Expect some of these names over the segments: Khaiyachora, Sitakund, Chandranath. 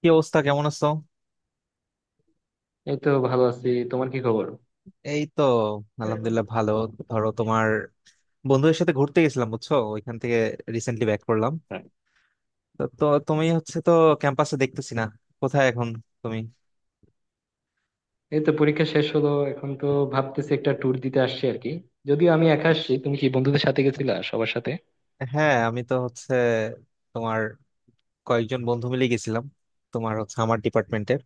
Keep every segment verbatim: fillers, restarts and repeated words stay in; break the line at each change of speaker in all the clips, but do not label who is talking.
কি অবস্থা? কেমন আছো?
এই তো ভালো আছি, তোমার কি খবর?
এই তো আলহামদুলিল্লাহ ভালো। ধরো, তোমার বন্ধুদের সাথে ঘুরতে গেছিলাম, বুঝছো, ওইখান থেকে রিসেন্টলি ব্যাক করলাম।
হ্যাঁ,
তো তো তুমি হচ্ছে তো ক্যাম্পাসে দেখতেছি না, কোথায় এখন তুমি?
এই তো পরীক্ষা শেষ হলো। এখন তো ভাবতেছি একটা ট্যুর দিতে আসছি আর কি। যদিও আমি একা আসছি। তুমি কি বন্ধুদের সাথে গেছিলা, সবার সাথে?
হ্যাঁ, আমি তো হচ্ছে তোমার কয়েকজন বন্ধু মিলে গেছিলাম। তোমার হচ্ছে আমার ডিপার্টমেন্টের।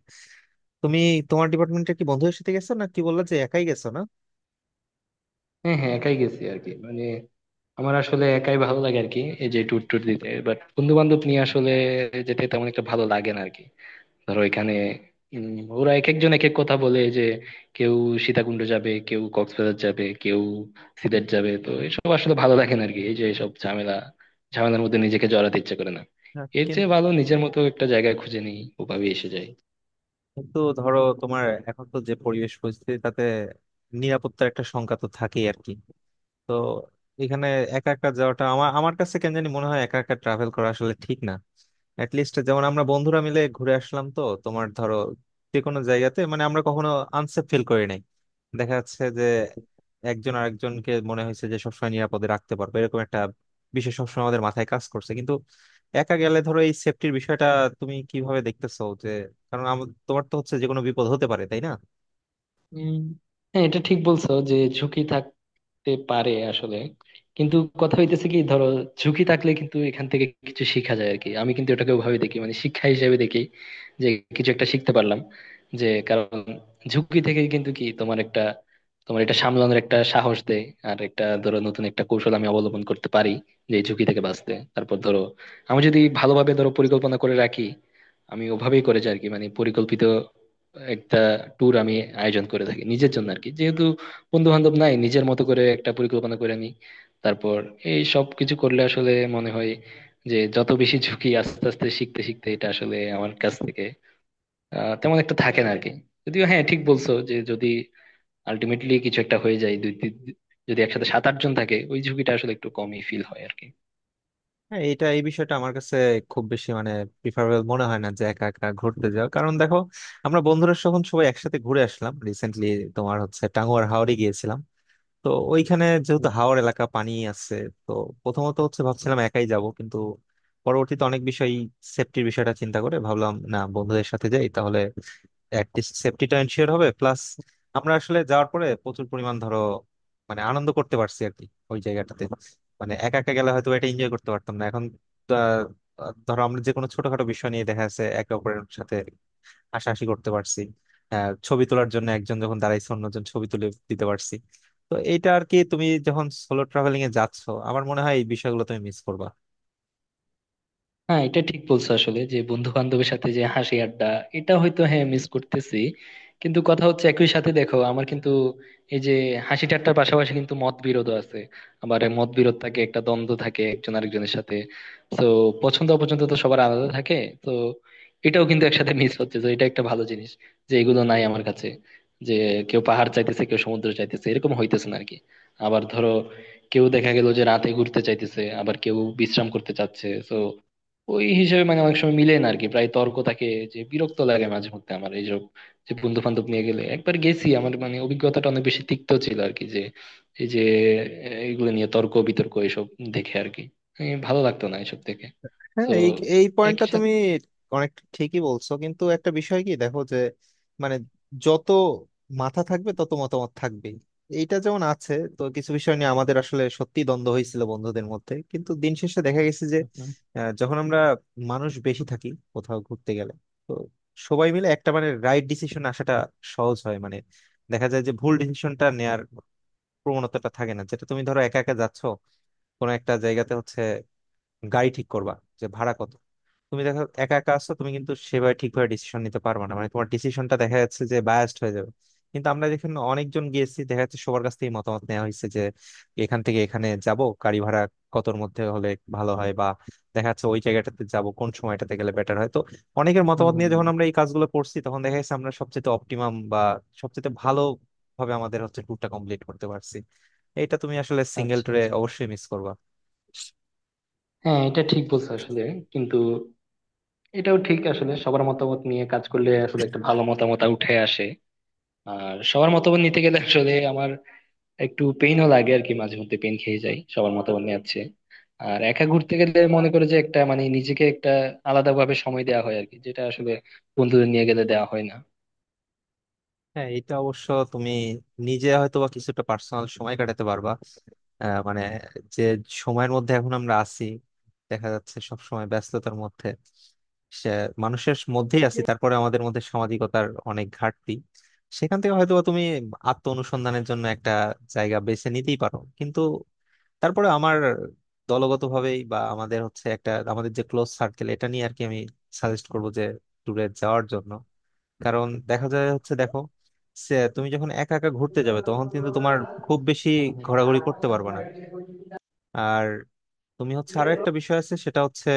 তুমি তোমার ডিপার্টমেন্টের কি বন্ধুদের সাথে গেছো, না কি বললা যে একাই গেছো না?
হ্যাঁ হ্যাঁ, একাই গেছি আর কি, মানে আমার আসলে একাই ভালো লাগে আর কি, এই যে ট্যুর ট্যুর দিতে। বাট বন্ধু বান্ধব নিয়ে আসলে যেতে তেমন একটা ভালো লাগে না আর কি। ধরো এখানে উম, ওরা এক একজন এক এক কথা বলে যে, কেউ সীতাকুণ্ড যাবে, কেউ কক্সবাজার যাবে, কেউ সিলেট যাবে। তো এসব আসলে ভালো লাগে না আরকি, এই যে এসব ঝামেলা ঝামেলার মধ্যে নিজেকে জড়াতে ইচ্ছে করে না।
হ্যাঁ,
এর চেয়ে
কিন্তু
ভালো নিজের মতো একটা জায়গায় খুঁজে নিই, ওভাবে এসে যায়।
কিন্তু ধরো তোমার এখন তো যে পরিবেশ পরিস্থিতি, তাতে নিরাপত্তার একটা শঙ্কা তো থাকেই আর কি। তো এখানে একা একা যাওয়াটা আমার আমার কাছে কেন জানি মনে হয় একা একা ট্রাভেল করা আসলে ঠিক না। অ্যাটলিস্ট যেমন আমরা বন্ধুরা মিলে ঘুরে আসলাম তো, তোমার ধরো যে কোনো জায়গাতে মানে আমরা কখনো আনসেফ ফিল করি নাই। দেখা যাচ্ছে যে একজন আরেকজনকে মনে হয়েছে যে সবসময় নিরাপদে রাখতে পারবে, এরকম একটা বিষয় সবসময় আমাদের মাথায় কাজ করছে। কিন্তু একা গেলে ধরো এই সেফটির বিষয়টা তুমি কিভাবে দেখতেছো? যে কারণ আমার তোমার তো হচ্ছে যে কোনো বিপদ হতে পারে, তাই না?
হম। হ্যাঁ, এটা ঠিক বলছো যে ঝুঁকি তে পারে আসলে। কিন্তু কথা হইতেছে কি, ধরো ঝুঁকি থাকলে কিন্তু এখান থেকে কিছু শিখা যায় আর কি। আমি কিন্তু এটাকে ওভাবে দেখি, মানে শিক্ষা হিসেবে দেখি, যে কিছু একটা শিখতে পারলাম। যে কারণ ঝুঁকি থেকে কিন্তু কি, তোমার একটা তোমার এটা সামলানোর একটা সাহস দেয়। আর একটা ধরো নতুন একটা কৌশল আমি অবলম্বন করতে পারি, যে এই ঝুঁকি থেকে বাঁচতে। তারপর ধরো আমি যদি ভালোভাবে ধরো পরিকল্পনা করে রাখি, আমি ওভাবেই করে যাই আর কি, মানে পরিকল্পিত একটা ট্যুর আমি আয়োজন করে থাকি নিজের জন্য আর কি। যেহেতু বন্ধু বান্ধব নাই, নিজের মতো করে একটা পরিকল্পনা করে নি। তারপর এই সব কিছু করলে আসলে মনে হয় যে, যত বেশি ঝুঁকি আস্তে আস্তে শিখতে শিখতে এটা আসলে আমার কাছ থেকে আহ, তেমন একটা থাকে না আরকি। যদিও হ্যাঁ, ঠিক বলছো যে যদি আলটিমেটলি কিছু একটা হয়ে যায়, দুই তিন- যদি একসাথে সাত আট জন থাকে ওই ঝুঁকিটা আসলে একটু কমই ফিল হয় আরকি।
হ্যাঁ, এটা এই বিষয়টা আমার কাছে খুব বেশি মানে প্রিফারেবল মনে হয় না যে একা একা ঘুরতে যাওয়া। কারণ দেখো, আমরা বন্ধুরা যখন সবাই একসাথে ঘুরে আসলাম রিসেন্টলি, তোমার হচ্ছে টাঙ্গুয়ার হাওরে গিয়েছিলাম। তো ওইখানে যেহেতু হাওর এলাকা, পানি আছে, তো প্রথমত হচ্ছে ভাবছিলাম একাই যাব, কিন্তু পরবর্তীতে অনেক বিষয়, সেফটির বিষয়টা চিন্তা করে ভাবলাম না, বন্ধুদের সাথে যাই তাহলে অ্যাটলিস্ট সেফটিটা এনশিওর হবে। প্লাস আমরা আসলে যাওয়ার পরে প্রচুর পরিমাণ ধরো মানে আনন্দ করতে পারছি আর কি ওই জায়গাটাতে। মানে একা একা গেলে হয়তো এটা এনজয় করতে পারতাম না। এখন আহ, ধরো আমরা যে কোনো ছোটখাটো বিষয় নিয়ে দেখা যাচ্ছে একে অপরের সাথে হাসাহাসি করতে পারছি। আহ, ছবি তোলার জন্য একজন যখন দাঁড়াইছে, অন্যজন ছবি তুলে দিতে পারছি। তো এইটা আর কি, তুমি যখন সোলো ট্রাভেলিং এ যাচ্ছ, আমার মনে হয় এই বিষয়গুলো তুমি মিস করবা।
হ্যাঁ, এটা ঠিক বলছো আসলে যে বন্ধু বান্ধবের সাথে যে হাসি আড্ডা, এটা হয়তো হ্যাঁ মিস করতেছি। কিন্তু কথা হচ্ছে একই সাথে দেখো আমার কিন্তু এই যে হাসি ঠাট্টার পাশাপাশি কিন্তু মত বিরোধ আছে। আবার এই মত বিরোধ থাকে, একটা দ্বন্দ্ব থাকে একজন আরেকজনের সাথে। তো পছন্দ অপছন্দ তো সবার আলাদা থাকে। তো এটাও কিন্তু একসাথে মিস হচ্ছে, তো এটা একটা ভালো জিনিস যে এগুলো নাই আমার কাছে। যে কেউ পাহাড় চাইতেছে, কেউ সমুদ্র চাইতেছে, এরকম হইতেছে না আরকি। আবার ধরো কেউ দেখা গেল যে রাতে ঘুরতে চাইতেছে, আবার কেউ বিশ্রাম করতে চাচ্ছে। তো ওই হিসেবে মানে অনেক সময় মিলে না আরকি, প্রায় তর্ক থাকে। যে বিরক্ত লাগে মাঝে মধ্যে আমার এইসব, যে বন্ধু বান্ধব নিয়ে গেলে একবার গেছি আমার মানে অভিজ্ঞতাটা অনেক বেশি তিক্ত ছিল আর কি, যে এই যে এগুলো নিয়ে তর্ক বিতর্ক এইসব দেখে আর কি এই ভালো লাগতো না এসব থেকে।
হ্যাঁ,
তো
এই এই পয়েন্টটা
একই
তুমি
সাথে
অনেক ঠিকই বলছো, কিন্তু একটা বিষয় কি দেখো যে মানে যত মাথা থাকবে তত মতামত থাকবেই। এইটা যেমন আছে, তো কিছু বিষয় নিয়ে আমাদের আসলে সত্যি দ্বন্দ্ব হয়েছিল বন্ধুদের মধ্যে, কিন্তু দিন শেষে দেখা গেছে যে
হুম।
আহ, যখন আমরা মানুষ বেশি থাকি কোথাও ঘুরতে গেলে, তো সবাই মিলে একটা মানে রাইট ডিসিশন আসাটা সহজ হয়। মানে দেখা যায় যে ভুল ডিসিশনটা নেয়ার প্রবণতাটা থাকে না। যেটা তুমি ধরো একা একা যাচ্ছ কোনো একটা জায়গাতে, হচ্ছে গাড়ি ঠিক করবা যে ভাড়া কত, তুমি দেখো একা একা আছো, তুমি কিন্তু সেভাবে ঠিকভাবে ডিসিশন নিতে পারবে না। মানে তোমার ডিসিশনটা দেখা যাচ্ছে যে বায়াসড হয়ে যাবে। কিন্তু আমরা যেখানে অনেকজন গিয়েছি দেখা যাচ্ছে সবার কাছ থেকে মতামত নেওয়া হয়েছে যে এখান থেকে এখানে যাব, গাড়ি ভাড়া কতর মধ্যে হলে ভালো হয়, বা দেখা যাচ্ছে ওই জায়গাটাতে যাব কোন সময়টাতে গেলে বেটার হয়। তো অনেকের
হম
মতামত
হম
নিয়ে যখন
হম।
আমরা এই কাজগুলো করছি, তখন দেখা যাচ্ছে আমরা সবচেয়ে অপটিমাম বা সবচেয়ে ভালো ভাবে আমাদের হচ্ছে ট্যুরটা কমপ্লিট করতে পারছি। এটা তুমি আসলে সিঙ্গেল
আচ্ছা
ট্যুরে
আচ্ছা,
অবশ্যই মিস করবা।
হ্যাঁ, এটা ঠিক বলছো আসলে। কিন্তু এটাও ঠিক আসলে, সবার মতামত নিয়ে কাজ করলে আসলে একটা ভালো মতামত উঠে আসে। আর সবার মতামত নিতে গেলে আসলে আমার একটু পেইনও লাগে আর কি, মাঝে মধ্যে পেন খেয়ে যাই সবার মতামত নিয়ে আছে। আর একা ঘুরতে গেলে মনে করে যে একটা, মানে নিজেকে একটা আলাদা ভাবে সময় দেওয়া হয় আর কি, যেটা আসলে বন্ধুদের নিয়ে গেলে দেওয়া হয় না।
হ্যাঁ, এটা অবশ্য তুমি নিজে হয়তো বা কিছুটা পার্সোনাল সময় কাটাতে পারবা। আহ, মানে যে সময়ের মধ্যে এখন আমরা আছি, দেখা যাচ্ছে সব সময় ব্যস্ততার মধ্যে, সে মানুষের মধ্যেই আছি, তারপরে আমাদের মধ্যে সামাজিকতার অনেক ঘাটতি। সেখান থেকে হয়তোবা তুমি আত্ম অনুসন্ধানের জন্য একটা জায়গা বেছে নিতেই পারো, কিন্তু তারপরে আমার দলগতভাবেই বা আমাদের হচ্ছে একটা, আমাদের যে ক্লোজ সার্কেল এটা নিয়ে আর কি, আমি সাজেস্ট করবো যে ট্যুরে যাওয়ার জন্য। কারণ দেখা যায় হচ্ছে, দেখো, সে তুমি যখন একা একা ঘুরতে যাবে তখন কিন্তু তোমার খুব বেশি
হুম হুম।
ঘোরাঘুরি করতে পারবে না। আর তুমি হচ্ছে আরো একটা বিষয় আছে, সেটা হচ্ছে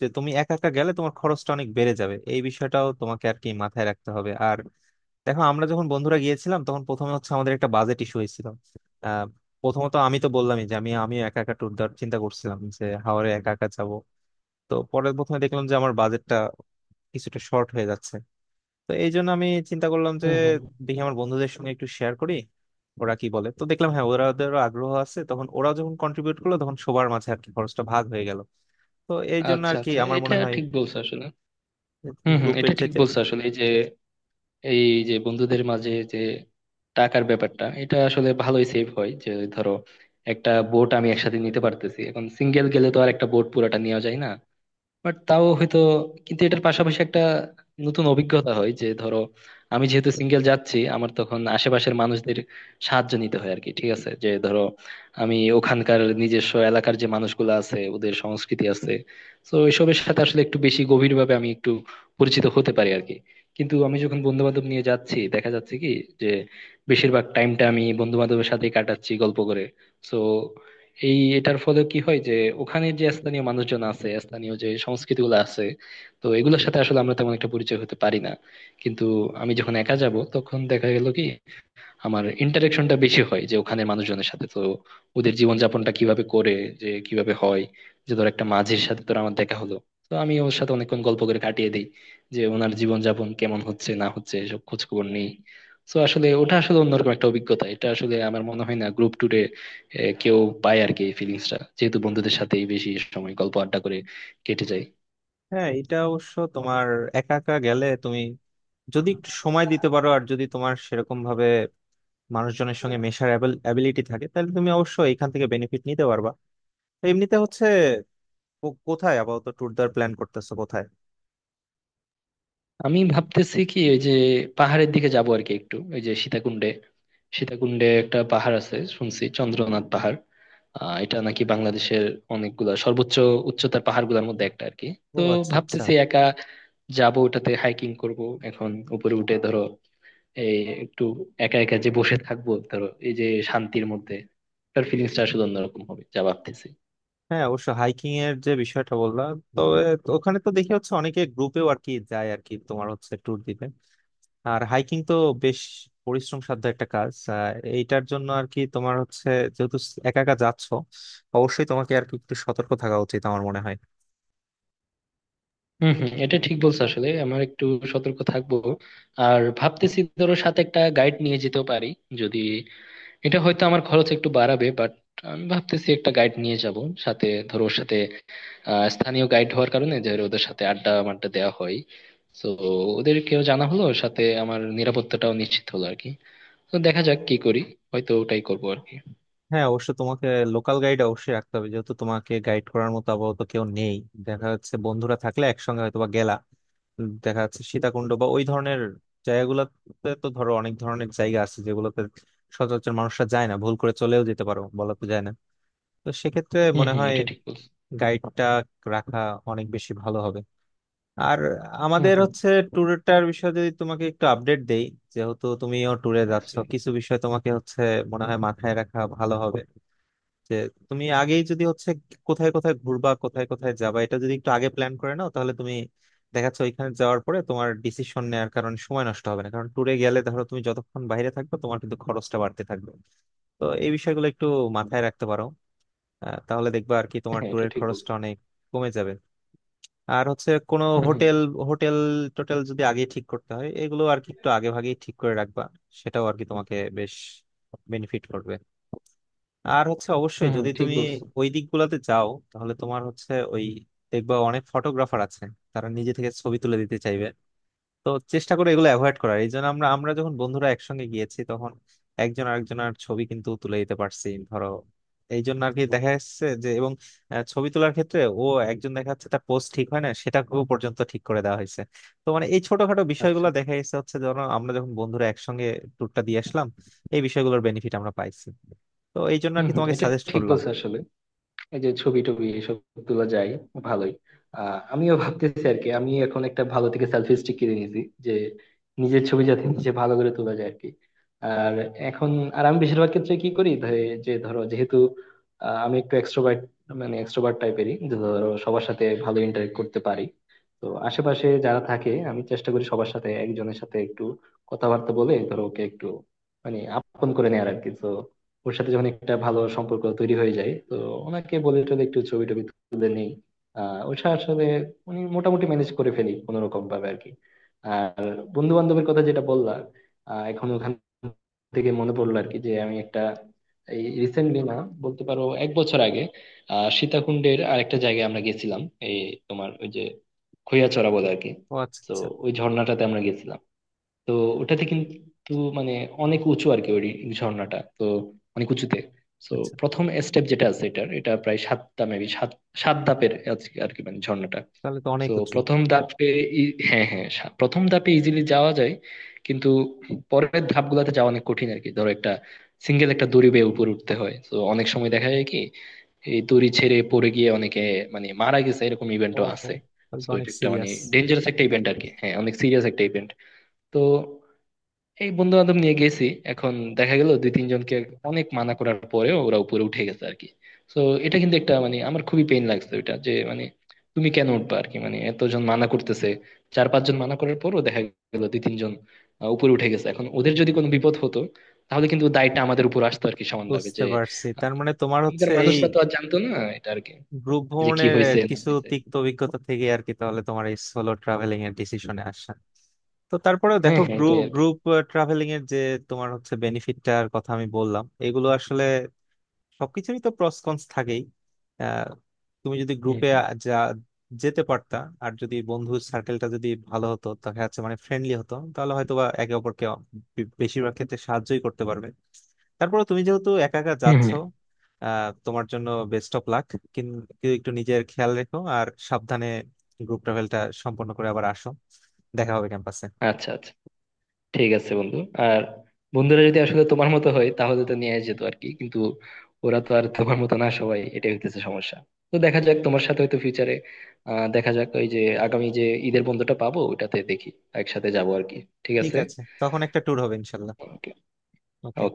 যে তুমি একা একা গেলে তোমার খরচটা অনেক বেড়ে যাবে, এই বিষয়টাও তোমাকে আর কি মাথায় রাখতে হবে। আর দেখো, আমরা যখন বন্ধুরা গিয়েছিলাম তখন প্রথমে হচ্ছে আমাদের একটা বাজেট ইস্যু হয়েছিল। আহ প্রথমত আমি তো বললামই যে আমি আমি একা একা ট্যুর দেওয়ার চিন্তা করছিলাম, যে হাওড়ে একা একা যাবো। তো পরে প্রথমে দেখলাম যে আমার বাজেটটা কিছুটা শর্ট হয়ে যাচ্ছে। তো এই জন্য আমি চিন্তা করলাম যে
হুম হুম।
দেখি আমার বন্ধুদের সঙ্গে একটু শেয়ার করি ওরা কি বলে। তো দেখলাম হ্যাঁ, ওরা ওদেরও আগ্রহ আছে। তখন ওরাও যখন কন্ট্রিবিউট করলো তখন সবার মাঝে আর কি খরচটা ভাগ হয়ে গেল। তো এই জন্য
আচ্ছা
আর কি
আচ্ছা,
আমার
এটা
মনে হয়
ঠিক বলছো আসলে। হুম হুম,
গ্রুপের
এটা ঠিক
চাইতে।
বলছো আসলে। এই যে এই যে বন্ধুদের মাঝে যে টাকার ব্যাপারটা, এটা আসলে ভালোই সেভ হয় যে, ধরো একটা বোট আমি একসাথে নিতে পারতেছি। এখন সিঙ্গেল গেলে তো আর একটা বোট পুরাটা নেওয়া যায় না। বাট তাও হয়তো, কিন্তু এটার পাশাপাশি একটা নতুন অভিজ্ঞতা হয়, যে ধরো আমি যেহেতু সিঙ্গেল যাচ্ছি, আমার তখন আশেপাশের মানুষদের সাহায্য নিতে হয় আর কি। ঠিক আছে, যে ধরো আমি ওখানকার নিজস্ব এলাকার যে মানুষগুলো আছে, ওদের সংস্কৃতি আছে, তো এসবের সাথে আসলে একটু বেশি গভীরভাবে আমি একটু পরিচিত হতে পারি আর কি। কিন্তু আমি যখন বন্ধু বান্ধব নিয়ে যাচ্ছি, দেখা যাচ্ছে কি যে বেশিরভাগ টাইমটা আমি বন্ধু বান্ধবের সাথেই কাটাচ্ছি গল্প করে। তো এই এটার ফলে কি হয় যে, ওখানের যে স্থানীয় মানুষজন আছে, স্থানীয় যে সংস্কৃতি গুলো আছে, তো এগুলোর সাথে আসলে আমরা তেমন একটা পরিচয় হতে পারি না। কিন্তু আমি যখন একা যাব তখন দেখা গেল কি, আমার ইন্টারেকশনটা বেশি হয় যে ওখানে মানুষজনের সাথে। তো ওদের জীবনযাপনটা কিভাবে করে, যে কিভাবে হয়, যে ধর একটা মাঝির সাথে তোর আমার দেখা হলো, তো আমি ওর সাথে অনেকক্ষণ গল্প করে কাটিয়ে দিই, যে ওনার জীবনযাপন কেমন হচ্ছে না হচ্ছে সব খোঁজ খবর নেই। তো আসলে ওটা আসলে অন্যরকম একটা অভিজ্ঞতা। এটা আসলে আমার মনে হয় না গ্রুপ ট্যুরে কেউ পায় আর কি এই ফিলিংসটা, যেহেতু বন্ধুদের সাথেই বেশি সময় গল্প আড্ডা করে কেটে যায়।
হ্যাঁ, এটা অবশ্য তোমার, একা একা গেলে তুমি যদি একটু সময় দিতে পারো আর যদি তোমার সেরকম ভাবে মানুষজনের সঙ্গে মেশার অ্যাবিলিটি থাকে তাহলে তুমি অবশ্যই এখান থেকে বেনিফিট নিতে পারবা। তো এমনিতে হচ্ছে কো- কোথায় আপাতত ট্যুর দেওয়ার প্ল্যান করতেছো, কোথায়?
আমি ভাবতেছি কি, ওই যে পাহাড়ের দিকে যাবো আর কি, একটু ওই যে সীতাকুণ্ডে সীতাকুণ্ডে একটা পাহাড় আছে শুনছি, চন্দ্রনাথ পাহাড়। আহ এটা নাকি বাংলাদেশের অনেকগুলা সর্বোচ্চ উচ্চতার পাহাড়গুলোর মধ্যে একটা আর কি।
ও
তো
আচ্ছা, আচ্ছা।
ভাবতেছি একা যাব, ওটাতে হাইকিং করব। এখন উপরে উঠে ধরো এই একটু একা একা যে বসে থাকবো, ধরো এই যে শান্তির মধ্যে, তার ফিলিংসটা আসলে অন্যরকম হবে যা ভাবতেছি।
হ্যাঁ, অবশ্য হাইকিং এর যে বিষয়টা বললাম, তবে ওখানে তো দেখি হচ্ছে অনেকে গ্রুপেও আর কি যায় আর কি, তোমার হচ্ছে ট্যুর দিতে। আর হাইকিং তো বেশ পরিশ্রম সাধ্য একটা কাজ। আহ, এইটার জন্য আর কি তোমার হচ্ছে যেহেতু একা একা যাচ্ছ, অবশ্যই তোমাকে আর কি একটু সতর্ক থাকা উচিত আমার মনে হয়।
হম হম, এটা ঠিক বলছো আসলে। আমার একটু সতর্ক থাকবো। আর ভাবতেছি ধরো সাথে একটা গাইড নিয়ে যেতেও পারি, যদি। এটা হয়তো আমার খরচ একটু বাড়াবে, বাট আমি ভাবতেছি একটা গাইড নিয়ে যাব সাথে। ধরো ওর সাথে আহ, স্থানীয় গাইড হওয়ার কারণে যে ওদের সাথে আড্ডা মাড্ডা দেওয়া হয়, তো ওদেরকেও জানা হলো, সাথে আমার নিরাপত্তাটাও নিশ্চিত হলো আর কি। তো দেখা যাক কি করি, হয়তো ওটাই করবো আর কি।
হ্যাঁ, অবশ্য তোমাকে লোকাল গাইড অবশ্যই রাখতে হবে, যেহেতু তোমাকে গাইড করার মতো আপাতত কেউ নেই। দেখা যাচ্ছে বন্ধুরা থাকলে একসঙ্গে হয়তো বা গেলা। দেখা যাচ্ছে সীতাকুণ্ড বা ওই ধরনের জায়গাগুলোতে তো ধরো অনেক ধরনের জায়গা আছে যেগুলোতে সচরাচর মানুষরা যায় না, ভুল করে চলেও যেতে পারো, বলা তো যায় না। তো সেক্ষেত্রে
হম
মনে
হম,
হয়
এটা ঠিক বলছো।
গাইডটা রাখা অনেক বেশি ভালো হবে। আর
হুম
আমাদের
হুম।
হচ্ছে ট্যুরটার বিষয়ে যদি তোমাকে একটু আপডেট দেই, যেহেতু তুমিও ট্যুরে যাচ্ছ, কিছু বিষয় তোমাকে হচ্ছে মনে হয় মাথায় রাখা ভালো হবে। যে তুমি আগেই যদি হচ্ছে কোথায় কোথায় ঘুরবা, কোথায় কোথায় যাবা, এটা যদি একটু আগে প্ল্যান করে নাও তাহলে তুমি দেখাচ্ছে ওইখানে যাওয়ার পরে তোমার ডিসিশন নেওয়ার কারণে সময় নষ্ট হবে না। কারণ ট্যুরে গেলে ধরো তুমি যতক্ষণ বাইরে থাকবে তোমার কিন্তু খরচটা বাড়তে থাকবে। তো এই বিষয়গুলো একটু মাথায় রাখতে পারো। আহ, তাহলে দেখবা আর কি
আচ্ছা,
তোমার
হ্যাঁ, এটা
ট্যুরের
ঠিক
খরচটা
বলছো।
অনেক কমে যাবে। আর হচ্ছে কোনো
হুম হুম
হোটেল, হোটেল টোটেল যদি আগে ঠিক করতে হয় এগুলো আর কি একটু আগে ভাগেই ঠিক করে রাখবা, সেটাও আর কি তোমাকে বেশ বেনিফিট করবে। আর হচ্ছে অবশ্যই
হুম হুম,
যদি
ঠিক
তুমি
বলছো।
ওই দিকগুলোতে যাও তাহলে তোমার হচ্ছে ওই, দেখবা অনেক ফটোগ্রাফার আছে, তারা নিজে থেকে ছবি তুলে দিতে চাইবে। তো চেষ্টা করে এগুলো অ্যাভয়েড করার। এই জন্য আমরা আমরা যখন বন্ধুরা একসঙ্গে গিয়েছি তখন একজন আরেকজনের ছবি কিন্তু তুলে দিতে পারছি ধরো, এই জন্য আর কি দেখা যাচ্ছে যে এবং আহ, ছবি তোলার ক্ষেত্রে ও একজন দেখা যাচ্ছে তার পোস্ট ঠিক হয় না, সেটা ও পর্যন্ত ঠিক করে দেওয়া হয়েছে। তো মানে এই ছোটখাটো বিষয়গুলো
আচ্ছা।
দেখা যাচ্ছে হচ্ছে ধরো আমরা যখন বন্ধুরা একসঙ্গে ট্যুরটা দিয়ে আসলাম, এই বিষয়গুলোর বেনিফিট আমরা পাইছি। তো এই জন্য আর
হুম
কি
হুম,
তোমাকে
এটা
সাজেস্ট
ঠিক
করলাম।
বলছো আসলে। এই যে ছবি টবি এসব গুলো যাই, ভালোই। আহ আমিও ভাবতেছি আর কি, আমি এখন একটা ভালো থেকে সেলফি স্টিক কিনে নিয়েছি, যে নিজের ছবি যাতে নিজে ভালো করে তোলা যায় আর কি। আর এখন, আর আমি বেশিরভাগ ক্ষেত্রে কি করি, ধ- যে ধরো যেহেতু আহ, আমি একটু এক্সট্রোভার্ট, মানে এক্সট্রোভার্ট টাইপেরই, যে ধরো সবার সাথে ভালো ইন্টারেক্ট করতে পারি। তো আশেপাশে যারা থাকে আমি চেষ্টা করি সবার সাথে, একজনের সাথে একটু কথাবার্তা বলে, ধরো ওকে একটু মানে আপন করে নেয়ার আর কি। তো ওর সাথে যখন একটা ভালো সম্পর্ক তৈরি হয়ে যায়, তো ওনাকে বলে টলে একটু ছবি টবি তুলে নেই। আহ ওর সাথে আসলে উনি মোটামুটি ম্যানেজ করে ফেলি কোনো রকম ভাবে আর কি। আর বন্ধু বান্ধবের কথা যেটা বললাম, আহ এখন ওখান থেকে মনে পড়লো আর কি, যে আমি একটা, এই রিসেন্টলি না, বলতে পারো এক বছর আগে, আহ সীতাকুণ্ডের আরেকটা জায়গায় আমরা গেছিলাম, এই তোমার ওই যে খৈয়াছড়া বলে আর কি।
ও আচ্ছা,
তো
আচ্ছা।
ওই ঝর্ণাটাতে আমরা গেছিলাম। তো ওটাতে কিন্তু মানে অনেক উঁচু আর কি, ওই ঝর্ণাটা তো অনেক উঁচুতে। তো
আচ্ছা,
প্রথম স্টেপ যেটা আছে এটার, এটা প্রায় সাতটা মেবি, সাত সাত ধাপের আছে আর কি, মানে ঝর্ণাটা।
তাহলে তো অনেক
তো
উঁচু।
প্রথম ধাপে ই- হ্যাঁ হ্যাঁ, সা- প্রথম ধাপে ইজিলি যাওয়া যায়। কিন্তু পরের ধাপগুলোতে যাওয়া অনেক কঠিন আর কি, ধরো একটা সিঙ্গেল একটা দড়ি বেয়ে উপরে উঠতে হয়। তো অনেক সময় দেখা যায় কি, এই দড়ি ছেড়ে পড়ে গিয়ে অনেকে মানে মারা গেছে, এরকম
ও
ইভেন্টও
হো,
আছে।
তাহলে তো
তো
অনেক
এটা একটা মানে
সিরিয়াস।
ডেঞ্জারাস একটা ইভেন্ট আর কি, হ্যাঁ অনেক সিরিয়াস একটা ইভেন্ট। তো এই বন্ধু বান্ধব নিয়ে গেছি, এখন দেখা গেল দুই তিনজনকে অনেক মানা করার পরে ওরা উপরে উঠে গেছে আর কি। তো এটা কিন্তু একটা মানে আমার খুবই পেইন লাগছে ওইটা যে, মানে তুমি কেন উঠবা আর কি, মানে এতজন মানা করতেছে। চার পাঁচজন মানা করার পরও দেখা গেল দুই তিনজন আহ, উপরে উঠে গেছে। এখন ওদের যদি কোনো বিপদ হতো, তাহলে কিন্তু দায়টা আমাদের উপর আসতো আর কি সমানভাবে,
বুঝতে
যে
পারছি,
আহ,
তার মানে তোমার
এখানকার
হচ্ছে এই
মানুষরা তো আর জানতো না এটা আর কি,
গ্রুপ
যে কি
ভ্রমণের আহ,
হয়েছে না
কিছু
হয়েছে।
তিক্ত অভিজ্ঞতা থেকে আর কি তাহলে তোমার এই সোলো ট্রাভেলিং এর ডিসিশনে আসা। তো তারপরেও
হ্যাঁ
দেখো
হ্যাঁ, এটাই
গ্রুপ
আর কি।
গ্রুপ ট্রাভেলিং এর যে তোমার হচ্ছে বেনিফিটটার কথা আমি বললাম, এগুলো আসলে সবকিছুরই তো প্রস কনস থাকেই। আহ, তুমি যদি
হম
গ্রুপে
হম
যা যেতে পারতা আর যদি বন্ধু সার্কেলটা যদি ভালো হতো, দেখা যাচ্ছে মানে ফ্রেন্ডলি হতো, তাহলে হয়তোবা একে অপরকে বে- বেশিরভাগ ক্ষেত্রে সাহায্যই করতে পারবে। তারপরে তুমি যেহেতু একা একা
হম
যাচ্ছ,
হম।
আহ, তোমার জন্য বেস্ট অফ লাক। কিন্তু একটু নিজের খেয়াল রেখো আর সাবধানে গ্রুপ ট্রাভেলটা সম্পন্ন করে আবার আসো। দেখা হবে ক্যাম্পাসে।
আচ্ছা আচ্ছা, ঠিক আছে বন্ধু। আর বন্ধুরা যদি আসলে তোমার মতো হয় তাহলে তো নিয়ে যেত আর কি, কিন্তু ওরা তো আর তোমার মতো না সবাই, এটাই হইতেছে সমস্যা। তো দেখা যাক তোমার সাথে হয়তো ফিউচারে, আহ দেখা যাক ওই যে আগামী যে ঈদের বন্ধুটা পাবো ওটাতে দেখি একসাথে যাবো আর কি। ঠিক
ঠিক
আছে।
আছে, তখন একটা ট্যুর হবে ইনশাল্লাহ।
ওকে। ওকে।
ওকে।